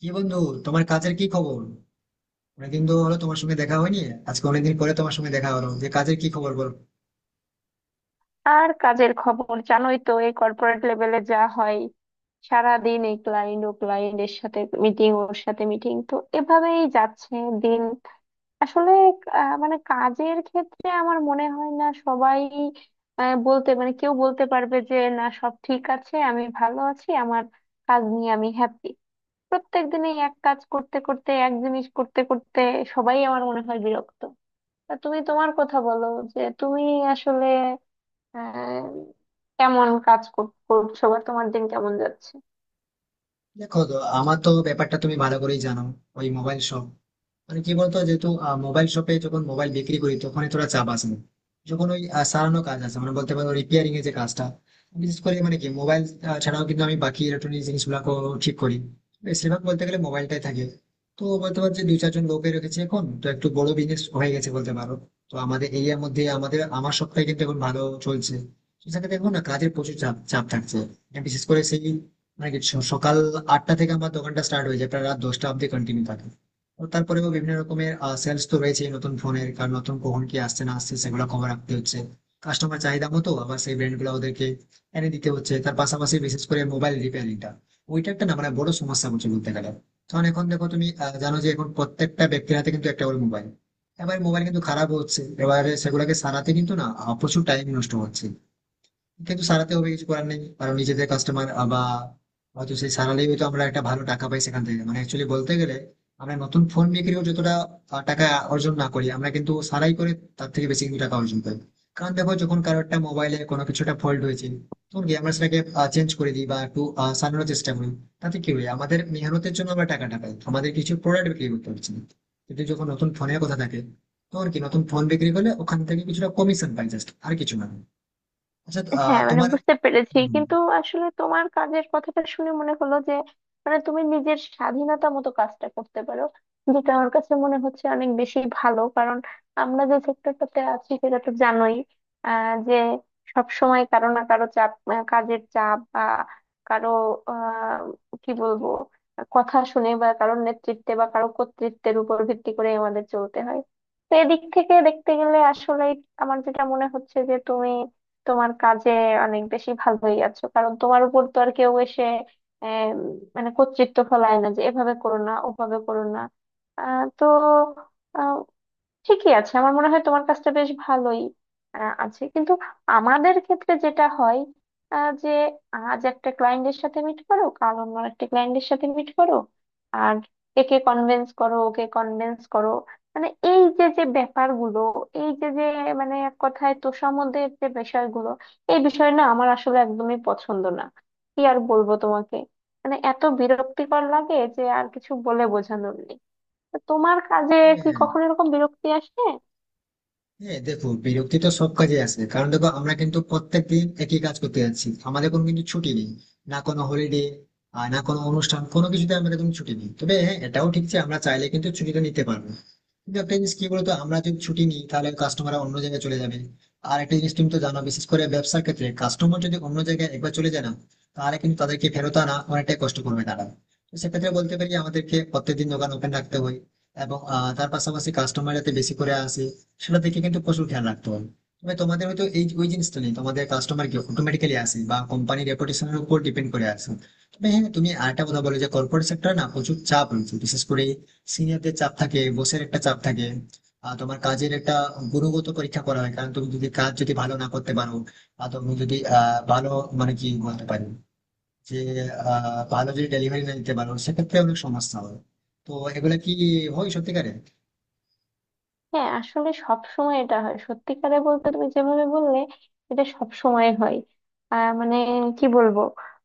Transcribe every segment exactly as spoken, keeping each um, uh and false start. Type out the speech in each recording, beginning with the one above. কি বন্ধু, তোমার কাজের কি খবর? অনেকদিন তো হলো তোমার সঙ্গে দেখা হয়নি। আজকে অনেকদিন পরে তোমার সঙ্গে দেখা হলো, যে কাজের কি খবর বলো। আর কাজের খবর জানোই তো, এই কর্পোরেট লেভেলে যা হয়। সারাদিন এই ক্লায়েন্ট ও ক্লায়েন্ট এর সাথে মিটিং, ওর সাথে মিটিং, তো এভাবেই যাচ্ছে দিন। আসলে আহ, মানে কাজের ক্ষেত্রে আমার মনে হয় না সবাই আহ, বলতে মানে কেউ বলতে পারবে যে না সব ঠিক আছে, আমি ভালো আছি, আমার কাজ নিয়ে আমি হ্যাপি। প্রত্যেক দিনে এক কাজ করতে করতে এক জিনিস করতে করতে সবাই আমার মনে হয় বিরক্ত। তা তুমি তোমার কথা বলো, যে তুমি আসলে আহ, কেমন কাজ কর- করছো বা তোমার দিন কেমন যাচ্ছে? দেখো তো, আমার তো ব্যাপারটা তুমি ভালো করেই জানো। ওই মোবাইল শপ, মানে কি বলতো, যেহেতু মোবাইল শপে যখন মোবাইল বিক্রি করি তখন তোরা চাপ আসে না। যখন ওই আহ, সারানো কাজ আছে, মানে বলতে পারো রিপেয়ারিং এর যে কাজটা, বিশেষ করে মানে কি মোবাইল ছাড়াও কিন্তু আমি বাকি ইলেকট্রনিক জিনিসগুলো ঠিক করি, বেশিরভাগ বলতে গেলে মোবাইলটাই থাকে। তো বলতে পারো যে দুই চারজন লোকে রেখেছে, এখন তো একটু বড় বিজনেস হয়ে গেছে বলতে পারো। তো আমাদের এরিয়ার মধ্যে আমাদের আমার সবটাই কিন্তু এখন ভালো চলছে। তো সেক্ষেত্রে দেখো না, কাজের প্রচুর চাপ চাপ থাকছে, বিশেষ করে সেই মানে কি স- সকাল আটটা থেকে আমার দোকানটা স্টার্ট হয়ে যায়, প্রায় রাত দশটা অব্দি কন্টিনিউ থাকে। ও তারপরেও বিভিন্ন রকমের সেলস তো রয়েছে নতুন ফোনের, কারণ নতুন কখন কি আসছে না আসছে সেগুলো খবর রাখতে হচ্ছে, কাস্টমার চাহিদা মতো আবার সেই ব্র্যান্ড গুলো ওদেরকে এনে দিতে হচ্ছে। তার পাশাপাশি বিশেষ করে মোবাইল রিপেয়ারিংটা, ওইটা একটা না মানে বড় সমস্যা বলছে বলতে গেলে। কারণ এখন দেখো, তুমি আহ, জানো যে এখন প্রত্যেকটা ব্যক্তির হাতে কিন্তু একটা করে মোবাইল। এবার মোবাইল কিন্তু খারাপ হচ্ছে, এবারে সেগুলোকে সারাতে কিন্তু না আহ, প্রচুর টাইম নষ্ট হচ্ছে, কিন্তু সারাতে হবে, কিছু করার নেই, কারণ নিজেদের কাস্টমার। বা হয়তো সেই সারালেই হয়তো আমরা একটা ভালো টাকা পাই সেখান থেকে, মানে অ্যাকচুয়ালি বলতে গেলে আমরা নতুন ফোন বিক্রিও যতটা আহ, টাকা অর্জন না করি, আমরা কিন্তু সারাই করে তার থেকে বেশি কিন্তু টাকা অর্জন করি। কারণ দেখো, যখন কারো একটা মোবাইলে কোনো কিছুটা ফল্ট হয়েছে, তখন কি আমরা সেটাকে চেঞ্জ করে দিই বা একটু আহ, সারানোর চেষ্টা করি, তাতে কি হয়, আমাদের মেহনতের জন্য আমরা টাকাটা পাই, আমাদের কিছু প্রোডাক্ট বিক্রি করতে পারছি না। কিন্তু যখন নতুন ফোনের কথা থাকে, তখন কি নতুন ফোন বিক্রি করলে ওখান থেকে কিছুটা কমিশন পাই, জাস্ট আর কিছু না। আচ্ছা আহ, হ্যাঁ মানে তোমার। বুঝতে পেরেছি, হুম। কিন্তু আসলে তোমার কাজের কথাটা শুনে মনে হলো যে মানে তুমি নিজের স্বাধীনতা মতো কাজটা করতে পারো, যেটা আমার কাছে মনে হচ্ছে অনেক বেশি ভালো। কারণ আমরা যে সেক্টরটাতে আছি সেটা তো জানোই আহ যে সব সময় কারো না কারো চাপ, আহ, কাজের চাপ বা কারো আহ কি বলবো কথা শুনে বা কারোর নেতৃত্বে বা কারো কর্তৃত্বের উপর ভিত্তি করে আমাদের চলতে হয়। তো এদিক থেকে দেখতে গেলে আসলে আমার যেটা মনে হচ্ছে যে তুমি তোমার কাজে অনেক বেশি ভালোই আছো, কারণ তোমার উপর তো আর কেউ এসে আহ, মানে কর্তৃত্ব ফলায় না, যে এভাবে করো না ওভাবে করো না। আহ, তো ঠিকই আছে, আমার মনে হয় তোমার কাজটা বেশ ভালোই আহ, আছে। কিন্তু আমাদের ক্ষেত্রে যেটা হয় আহ, যে আজ একটা ক্লায়েন্টের সাথে মিট করো, কাল অন্য একটা ক্লায়েন্টের সাথে মিট করো, আর একে কনভিন্স করো ওকে কনভিন্স করো। মানে এই যে যে ব্যাপারগুলো, এই যে যে মানে এক কথায় তোষামোদের যে বিষয়গুলো, এই বিষয় না আমার আসলে একদমই পছন্দ না। কি আর বলবো তোমাকে, মানে এত বিরক্তিকর লাগে যে আর কিছু বলে বোঝানোর নেই। তা তোমার কাজে কি হ্যাঁ। কখনো এরকম বিরক্তি আসে? হ্যাঁ দেখো, বিরক্তি তো সব কাজে আসে, কারণ দেখো আমরা কিন্তু প্রত্যেক দিন একই কাজ করতে যাচ্ছি, আমাদের কোনো কিন্তু ছুটি নেই, না কোনো হলিডে আর না কোনো অনুষ্ঠান, কোনো কিছুতে আমরা কিন্তু ছুটি নেই। তবে হ্যাঁ, এটাও ঠিক যে আমরা চাইলে কিন্তু ছুটিটা নিতে পারবো, কিন্তু একটা জিনিস কি বলতো, আমরা যদি ছুটি নিই তাহলে কাস্টমার অন্য জায়গায় চলে যাবে। আর একটা জিনিস তুমি তো জানো, বিশেষ করে ব্যবসার ক্ষেত্রে কাস্টমার যদি অন্য জায়গায় একবার চলে যায় না, তাহলে কিন্তু তাদেরকে ফেরত আনা অনেকটাই কষ্ট করবে তারা। তো সেক্ষেত্রে বলতে পারি, আমাদেরকে প্রত্যেকদিন দোকান ওপেন রাখতে হয়, এবং আহ, তার পাশাপাশি কাস্টমার যাতে বেশি করে আসে সেটা দেখে কিন্তু প্রচুর খেয়াল রাখতে হয়। তবে তোমাদের হয়তো এই ওই জিনিসটা নেই, তোমাদের কাস্টমার কি অটোমেটিক্যালি আসে বা কোম্পানির রেপুটেশনের উপর ডিপেন্ড করে আসে। তবে হ্যাঁ তুমি আরেকটা কথা বলো, যে কর্পোরেট সেক্টরে না প্রচুর চাপ রয়েছে, বিশেষ করে সিনিয়রদের চাপ থাকে, বসের একটা চাপ থাকে, আর তোমার কাজের একটা গুণগত পরীক্ষা করা হয়। কারণ তুমি যদি কাজ যদি ভালো না করতে পারো বা তুমি যদি আহ ভালো, মানে কি বলতে পারি, যে আহ ভালো যদি ডেলিভারি না দিতে পারো, সেক্ষেত্রে অনেক সমস্যা হয়। তো এগুলা কি হয় সত্যিকারে? হ্যাঁ আসলে সব সময় এটা হয়, সত্যিকারে বলতে তুমি যেভাবে বললে এটা সব সময় হয়। আহ, মানে কি বলবো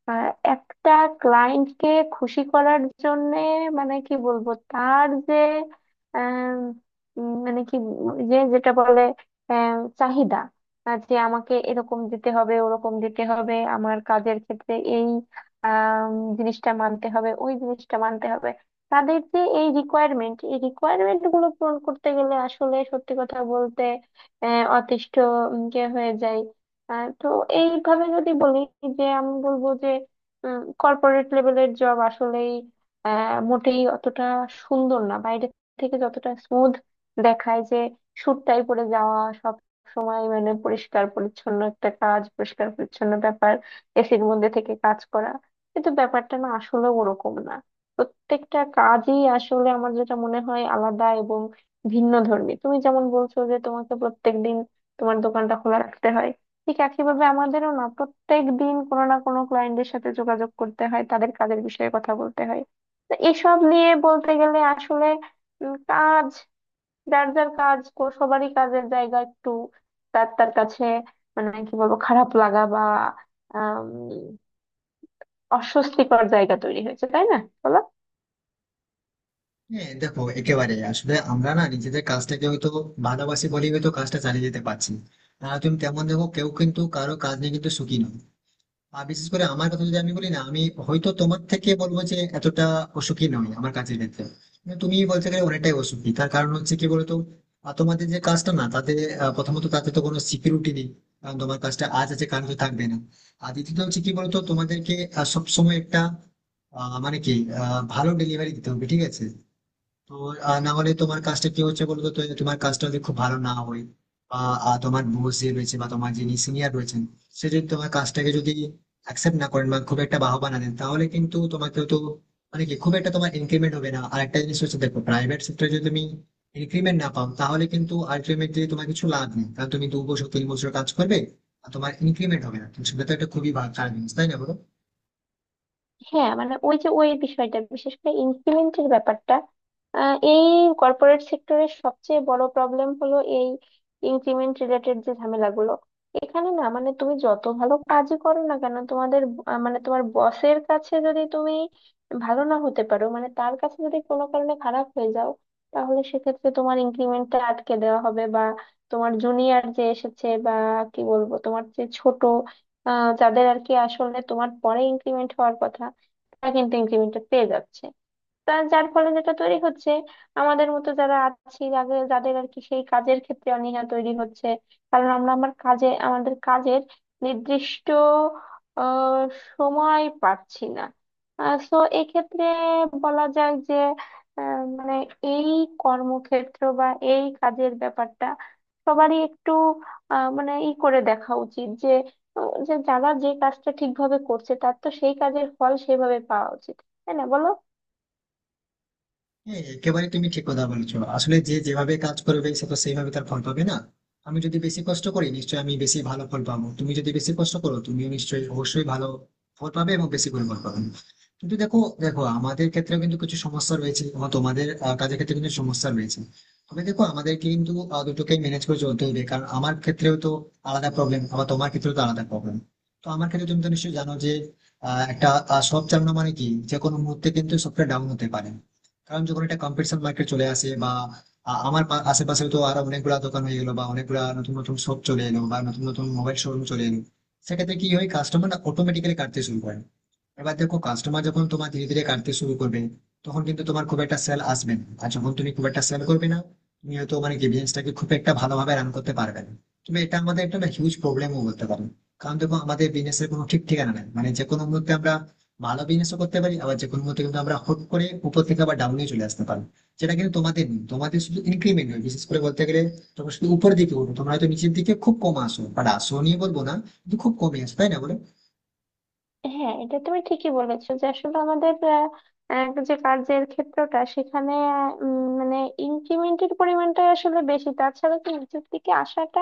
আহ, একটা ক্লায়েন্টকে খুশি করার জন্য মানে কি বলবো তার যে আম, উম, মানে কি যে যেটা বলে আম, চাহিদা আহ, যে আমাকে এরকম দিতে হবে ওরকম দিতে হবে, আমার কাজের ক্ষেত্রে এই আম, জিনিসটা মানতে হবে ওই জিনিসটা মানতে হবে। তাদের যে এই রিকোয়ারমেন্ট এই রিকোয়ারমেন্ট গুলো পূরণ করতে গেলে আসলে সত্যি কথা বলতে আহ, অতিষ্ঠ উম, যে হয়ে যায়। আহ, তো এইভাবে যদি বলি যে আমি বলবো যে কর্পোরেট লেভেলের জব আসলেই আহ, মোটেই অতটা সুন্দর না, বাইরে থেকে যতটা স্মুথ দেখায় যে সুটটাই পরে যাওয়া সব সময়, মানে পরিষ্কার পরিচ্ছন্ন একটা কাজ পরিষ্কার পরিচ্ছন্ন ব্যাপার, এসির মধ্যে থেকে কাজ করা, কিন্তু ব্যাপারটা না আসলে ওরকম না। প্রত্যেকটা কাজই আসলে আমার যেটা মনে হয় আলাদা এবং ভিন্ন ধর্মী। তুমি যেমন বলছো যে তোমাকে প্রত্যেকদিন তোমার দোকানটা খোলা রাখতে হয়, ঠিক একইভাবে আমাদেরও না প্রত্যেক দিন কোনো না কোনো ক্লায়েন্টের সাথে যোগাযোগ করতে হয়, তাদের কাজের বিষয়ে কথা বলতে হয়। তো এসব নিয়ে বলতে গেলে আসলে উম, কাজ যার যার কাজ কো- সবারই কাজের জায়গা একটু তার তার কাছে মানে কি বলবো খারাপ লাগা বা আম, অস্বস্তিকর জায়গা তৈরি হয়েছে, তাই না বলো? হ্যাঁ দেখো, একেবারে, আসলে আমরা না নিজেদের কাজটাকে হয়তো ভালোবাসি বলেই হয়তো কাজটা চালিয়ে যেতে পারছি। না তুমি তেমন দেখো, কেউ কিন্তু কারো কাজ নিয়ে কিন্তু সুখী নয়। আর বিশেষ করে আমার কথা যদি আমি বলি না, আমি হয়তো তোমার থেকে বলবো যে এতটা অসুখী নয় আমার কাজের ক্ষেত্রে। কিন্তু তুমি বলতে গেলে অনেকটাই অসুখী, তার কারণ হচ্ছে কি বলতো, আহ, তোমাদের যে কাজটা না তাতে আহ, প্রথমত তাতে তো কোনো সিকিউরিটি নেই, কারণ তোমার কাজটা আজ আছে কাল তো থাকবে না। আর দ্বিতীয়ত হচ্ছে কি বলতো, তোমাদেরকে আহ, সবসময় একটা আহ, মানে কি আহ, ভালো ডেলিভারি দিতে হবে, ঠিক আছে। তো আহ, না হলে তোমার কাজটা কি হচ্ছে বলতো, তো তোমার কাজটা যদি খুব ভালো না হয়, বা আহ, তোমার বস যে রয়েছে বা তোমার যিনি সিনিয়র রয়েছেন, সে যদি তোমার কাজটাকে যদি অ্যাকসেপ্ট না করেন বা খুব একটা বাহবা না দেন, তাহলে কিন্তু তোমাকে তো মানে কি খুব একটা তোমার ইনক্রিমেন্ট হবে না। আর একটা জিনিস হচ্ছে, দেখো প্রাইভেট সেক্টরে যদি তুমি ইনক্রিমেন্ট না পাও, তাহলে কিন্তু আলটিমেটলি তোমার কিছু লাভ নেই, কারণ তুমি দু বছর তিন বছর কাজ করবে আর তোমার ইনক্রিমেন্ট হবে না, তো সেটা তো একটা খুবই ভা- খারাপ জিনিস, তাই না বলো? হ্যাঁ মানে ওই যে ওই বিষয়টা বিশেষ করে ইনক্রিমেন্টের ব্যাপারটা আহ, এই কর্পোরেট সেক্টরের সবচেয়ে বড় প্রবলেম হলো এই ইনক্রিমেন্ট রিলেটেড যে ঝামেলাগুলো। এখানে না মানে তুমি যত ভালো কাজই করো না কেন তোমাদের আহ, মানে তোমার বসের কাছে যদি তুমি ভালো না হতে পারো, মানে তার কাছে যদি কোনো কারণে খারাপ হয়ে যাও, তাহলে সেক্ষেত্রে তোমার ইনক্রিমেন্টটা আটকে দেওয়া হবে বা তোমার জুনিয়র যে এসেছে বা কি বলবো তোমার যে ছোট আহ যাদের আর কি আসলে তোমার পরে ইনক্রিমেন্ট হওয়ার কথা কিন্তু ইনক্রিমেন্টটা পেয়ে যাচ্ছে। তার যার ফলে যেটা তৈরি হচ্ছে আমাদের মতো যারা আছি যাদের যাদের আর কি সেই কাজের ক্ষেত্রে অনীহা তৈরি হচ্ছে। কারণ আমরা আমার কাজে আমাদের কাজের নির্দিষ্ট আহ, সময় পাচ্ছি না। তো এক্ষেত্রে বলা যায় যে আহ, মানে এই কর্মক্ষেত্র বা এই কাজের ব্যাপারটা সবারই একটু আহ, মানে ই করে দেখা উচিত, যে আহ, যে যারা যে কাজটা ঠিকভাবে করছে তার তো সেই কাজের ফল সেভাবে পাওয়া উচিত, তাই না বলো? হ্যাঁ একেবারে তুমি ঠিক কথা বলেছো। আসলে যে যেভাবে কাজ করবে সে তো সেইভাবে তার ফল পাবে না। আমি যদি বেশি কষ্ট করি নিশ্চয়ই আমি বেশি ভালো ফল পাবো, তুমি যদি বেশি কষ্ট করো তুমিও নিশ্চয়ই অবশ্যই ভালো ফল পাবে এবং বেশি করে ফল পাবে। কিন্তু দেখো, দেখো আমাদের ক্ষেত্রে কিন্তু কিছু সমস্যা রয়েছে এবং তোমাদের আহ, কাজের ক্ষেত্রে কিন্তু সমস্যা রয়েছে। তবে দেখো আমাদের কিন্তু আহ, দুটোকেই ম্যানেজ করে চলতে হবে, কারণ আমার ক্ষেত্রেও তো আলাদা প্রবলেম, আবার তোমার ক্ষেত্রেও তো আলাদা প্রবলেম। তো আমার ক্ষেত্রে তুমি তো নিশ্চয়ই জানো যে আহ, একটা আহ, সব চালানো মানে কি, যে কোনো মুহূর্তে কিন্তু সফটওয়্যার ডাউন হতে পারে। কারণ যখন এটা কম্পিটিশন মার্কেট চলে আসে বা আ- আমার পা- আশেপাশে তো আরো অনেকগুলা দোকান হয়ে গেলো, বা অনেকগুলা নতুন নতুন শপ চলে এলো বা নতুন নতুন মোবাইল শোরুম চলে এলো, সেক্ষেত্রে কি হয়, কাস্টমার অটোমেটিক্যালি কাটতে শুরু করে। এবার দেখো, কাস্টমার যখন তোমার ধীরে ধীরে কাটতে শুরু করবে, তখন কিন্তু তোমার খুব একটা সেল আসবে না, আর যখন তুমি খুব একটা সেল করবে না, তুমি হয়তো মানে কি বিজনেসটাকে খুব একটা ভালোভাবে রান করতে পারবে না। তুমি এটা আমাদের একটা হিউজ প্রবলেমও বলতে পারো, কারণ দেখো আমাদের বিজনেসের কোনো ঠিক ঠিকানা নেই, মানে যে কোনো মুহূর্তে আমরা ভালো বিজনেসও করতে পারি, আবার যে কোনো মুহূর্তে কিন্তু আমরা হুট করে উপর থেকে আবার ডাউনে চলে আসতে পারি। যেটা কিন্তু তোমাদের নেই, তোমাদের শুধু ইনক্রিমেন্ট হয় বিশেষ করে বলতে গেলে, তোমরা শুধু উপরের দিকে উঠো, তোমরা হয়তো নিচের দিকে খুব কম আসো, বাট আসো নিয়ে বলবো না, কিন্তু খুব কমই আসো, তাই না বলো? হ্যাঁ এটা তুমি ঠিকই বলেছো যে আসলে আমাদের আহ, আহ, যে কাজের ক্ষেত্রটা সেখানে আহ, উম, মানে ইনক্রিমেন্টের পরিমাণটা আসলে বেশি, তাছাড়া তো নিচের দিকে আসাটা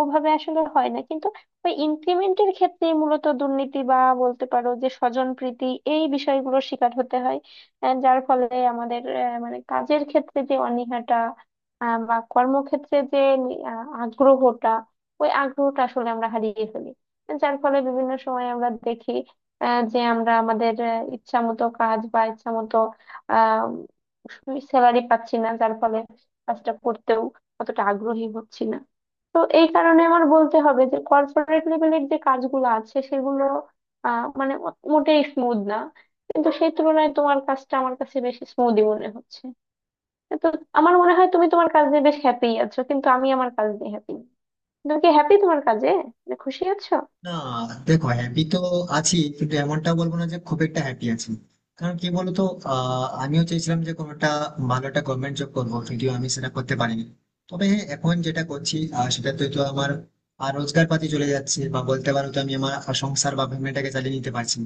ওভাবে আসলে হয় না। কিন্তু ওই ইনক্রিমেন্টের ক্ষেত্রে মূলত দুর্নীতি বা বলতে পারো যে স্বজনপ্রীতি, এই বিষয়গুলোর শিকার হতে হয়। আহ, যার ফলে আমাদের আহ, মানে কাজের ক্ষেত্রে যে অনীহাটা আহ, বা কর্মক্ষেত্রে যে আহ, আগ্রহটা, ওই আগ্রহটা আসলে আমরা হারিয়ে ফেলি। যার ফলে বিভিন্ন সময় আমরা দেখি আহ, যে আমরা আমাদের আহ, ইচ্ছা মতো কাজ বা ইচ্ছা মতো আহ স্যালারি পাচ্ছি না, যার ফলে কাজটা করতেও অতটা আগ্রহী হচ্ছি না। তো এই কারণে আমার বলতে হবে যে কর্পোরেট লেভেলের যে কাজগুলো আছে সেগুলো আহ মানে ও- মোটেই স্মুথ না, কিন্তু সেই তুলনায় তোমার কাজটা আমার কাছে বেশি স্মুথই মনে হচ্ছে। তো আমার মনে হয় তুমি তোমার কাজে বেশ হ্যাপি আছো কিন্তু আমি আমার কাজ নিয়ে হ্যাপি। তুমি কি হ্যাপি তোমার কাজে, মানে খুশি আছো? না দেখো, হ্যাপি তো আছি, কিন্তু এমনটা বলবো না যে খুব একটা হ্যাপি আছি। কারণ কি বলতো, আহ, আমিও চেয়েছিলাম যে কোনোটা ভালো একটা গভর্নমেন্ট জব করবো, যদিও আমি সেটা করতে পারিনি। তবে হ্যাঁ এখন যেটা করছি আহ, সেটাতে তো আমার আহ, রোজগার পাতি চলে যাচ্ছে, বা বলতে পারো তো আমি আমার সংসার বা ফ্যামিলিটাকে চালিয়ে নিতে পারছি।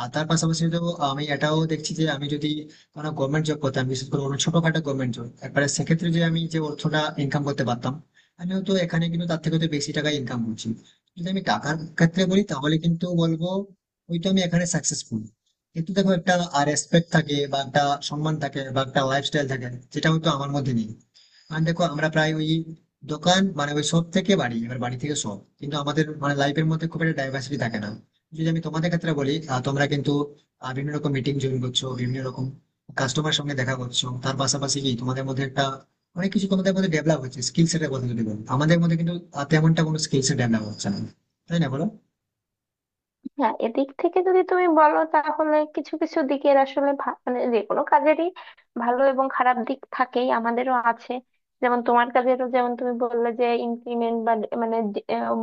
আর তার পাশাপাশি তো আমি এটাও দেখছি, যে আমি যদি কোনো গভর্নমেন্ট জব করতাম, বিশেষ করে কোনো ছোটখাটো গভর্নমেন্ট জব, একবারে সেক্ষেত্রে যে আমি যে অর্থটা ইনকাম করতে পারতাম, আমি হয়তো এখানে কিন্তু তার থেকে তো বেশি টাকা ইনকাম করছি। যদি আমি টাকার ক্ষেত্রে বলি তাহলে কিন্তু বলবো ওই তো আমি এখানে সাকসেসফুল। কিন্তু দেখো, একটা রেসপেক্ট থাকে বা একটা সম্মান থাকে বা একটা লাইফস্টাইল থাকে, যেটা হয়তো আমার মধ্যে নেই। আর দেখো আমরা প্রায় ওই দোকান মানে ওই শপ থেকে বাড়ি, এবার বাড়ি থেকে শপ, কিন্তু আমাদের মানে লাইফের মধ্যে খুব একটা ডাইভার্সিটি থাকে না। যদি আমি তোমাদের ক্ষেত্রে বলি, আহ, তোমরা কিন্তু আহ, বিভিন্ন রকম মিটিং জয়েন করছো, বিভিন্ন রকম কাস্টমার সঙ্গে দেখা করছো, তার পাশাপাশি কি তোমাদের মধ্যে একটা অনেক কিছু তোমাদের মধ্যে ডেভেলপ হচ্ছে। স্কিল সেটের কথা যদি বলো আমাদের মধ্যে কিন্তু আহ, তেমনটা কোনো স্কিল সেট ডেভেলপ হচ্ছে না, তাই না বলো? হ্যাঁ এদিক থেকে যদি তুমি বলো তাহলে কিছু কিছু দিকের আসলে ভা- মানে যে কোনো কাজেরই ভালো এবং খারাপ দিক থাকেই, আমাদেরও আছে। যেমন তোমার কাজেরও যেমন তুমি বললে যে ইনক্রিমেন্ট বা ডে- মানে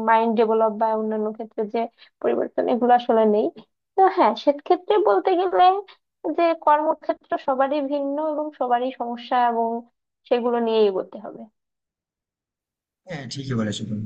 মাইন্ড ডেভেলপ বা অন্যান্য ক্ষেত্রে যে পরিবর্তন, এগুলো আসলে নেই। তো হ্যাঁ সেক্ষেত্রে বলতে গেলে যে কর্মক্ষেত্র সবারই ভিন্ন এবং সবারই সমস্যা এবং সেগুলো নিয়ে এগোতে হবে। হ্যাঁ ঠিকই বলেছো তুমি।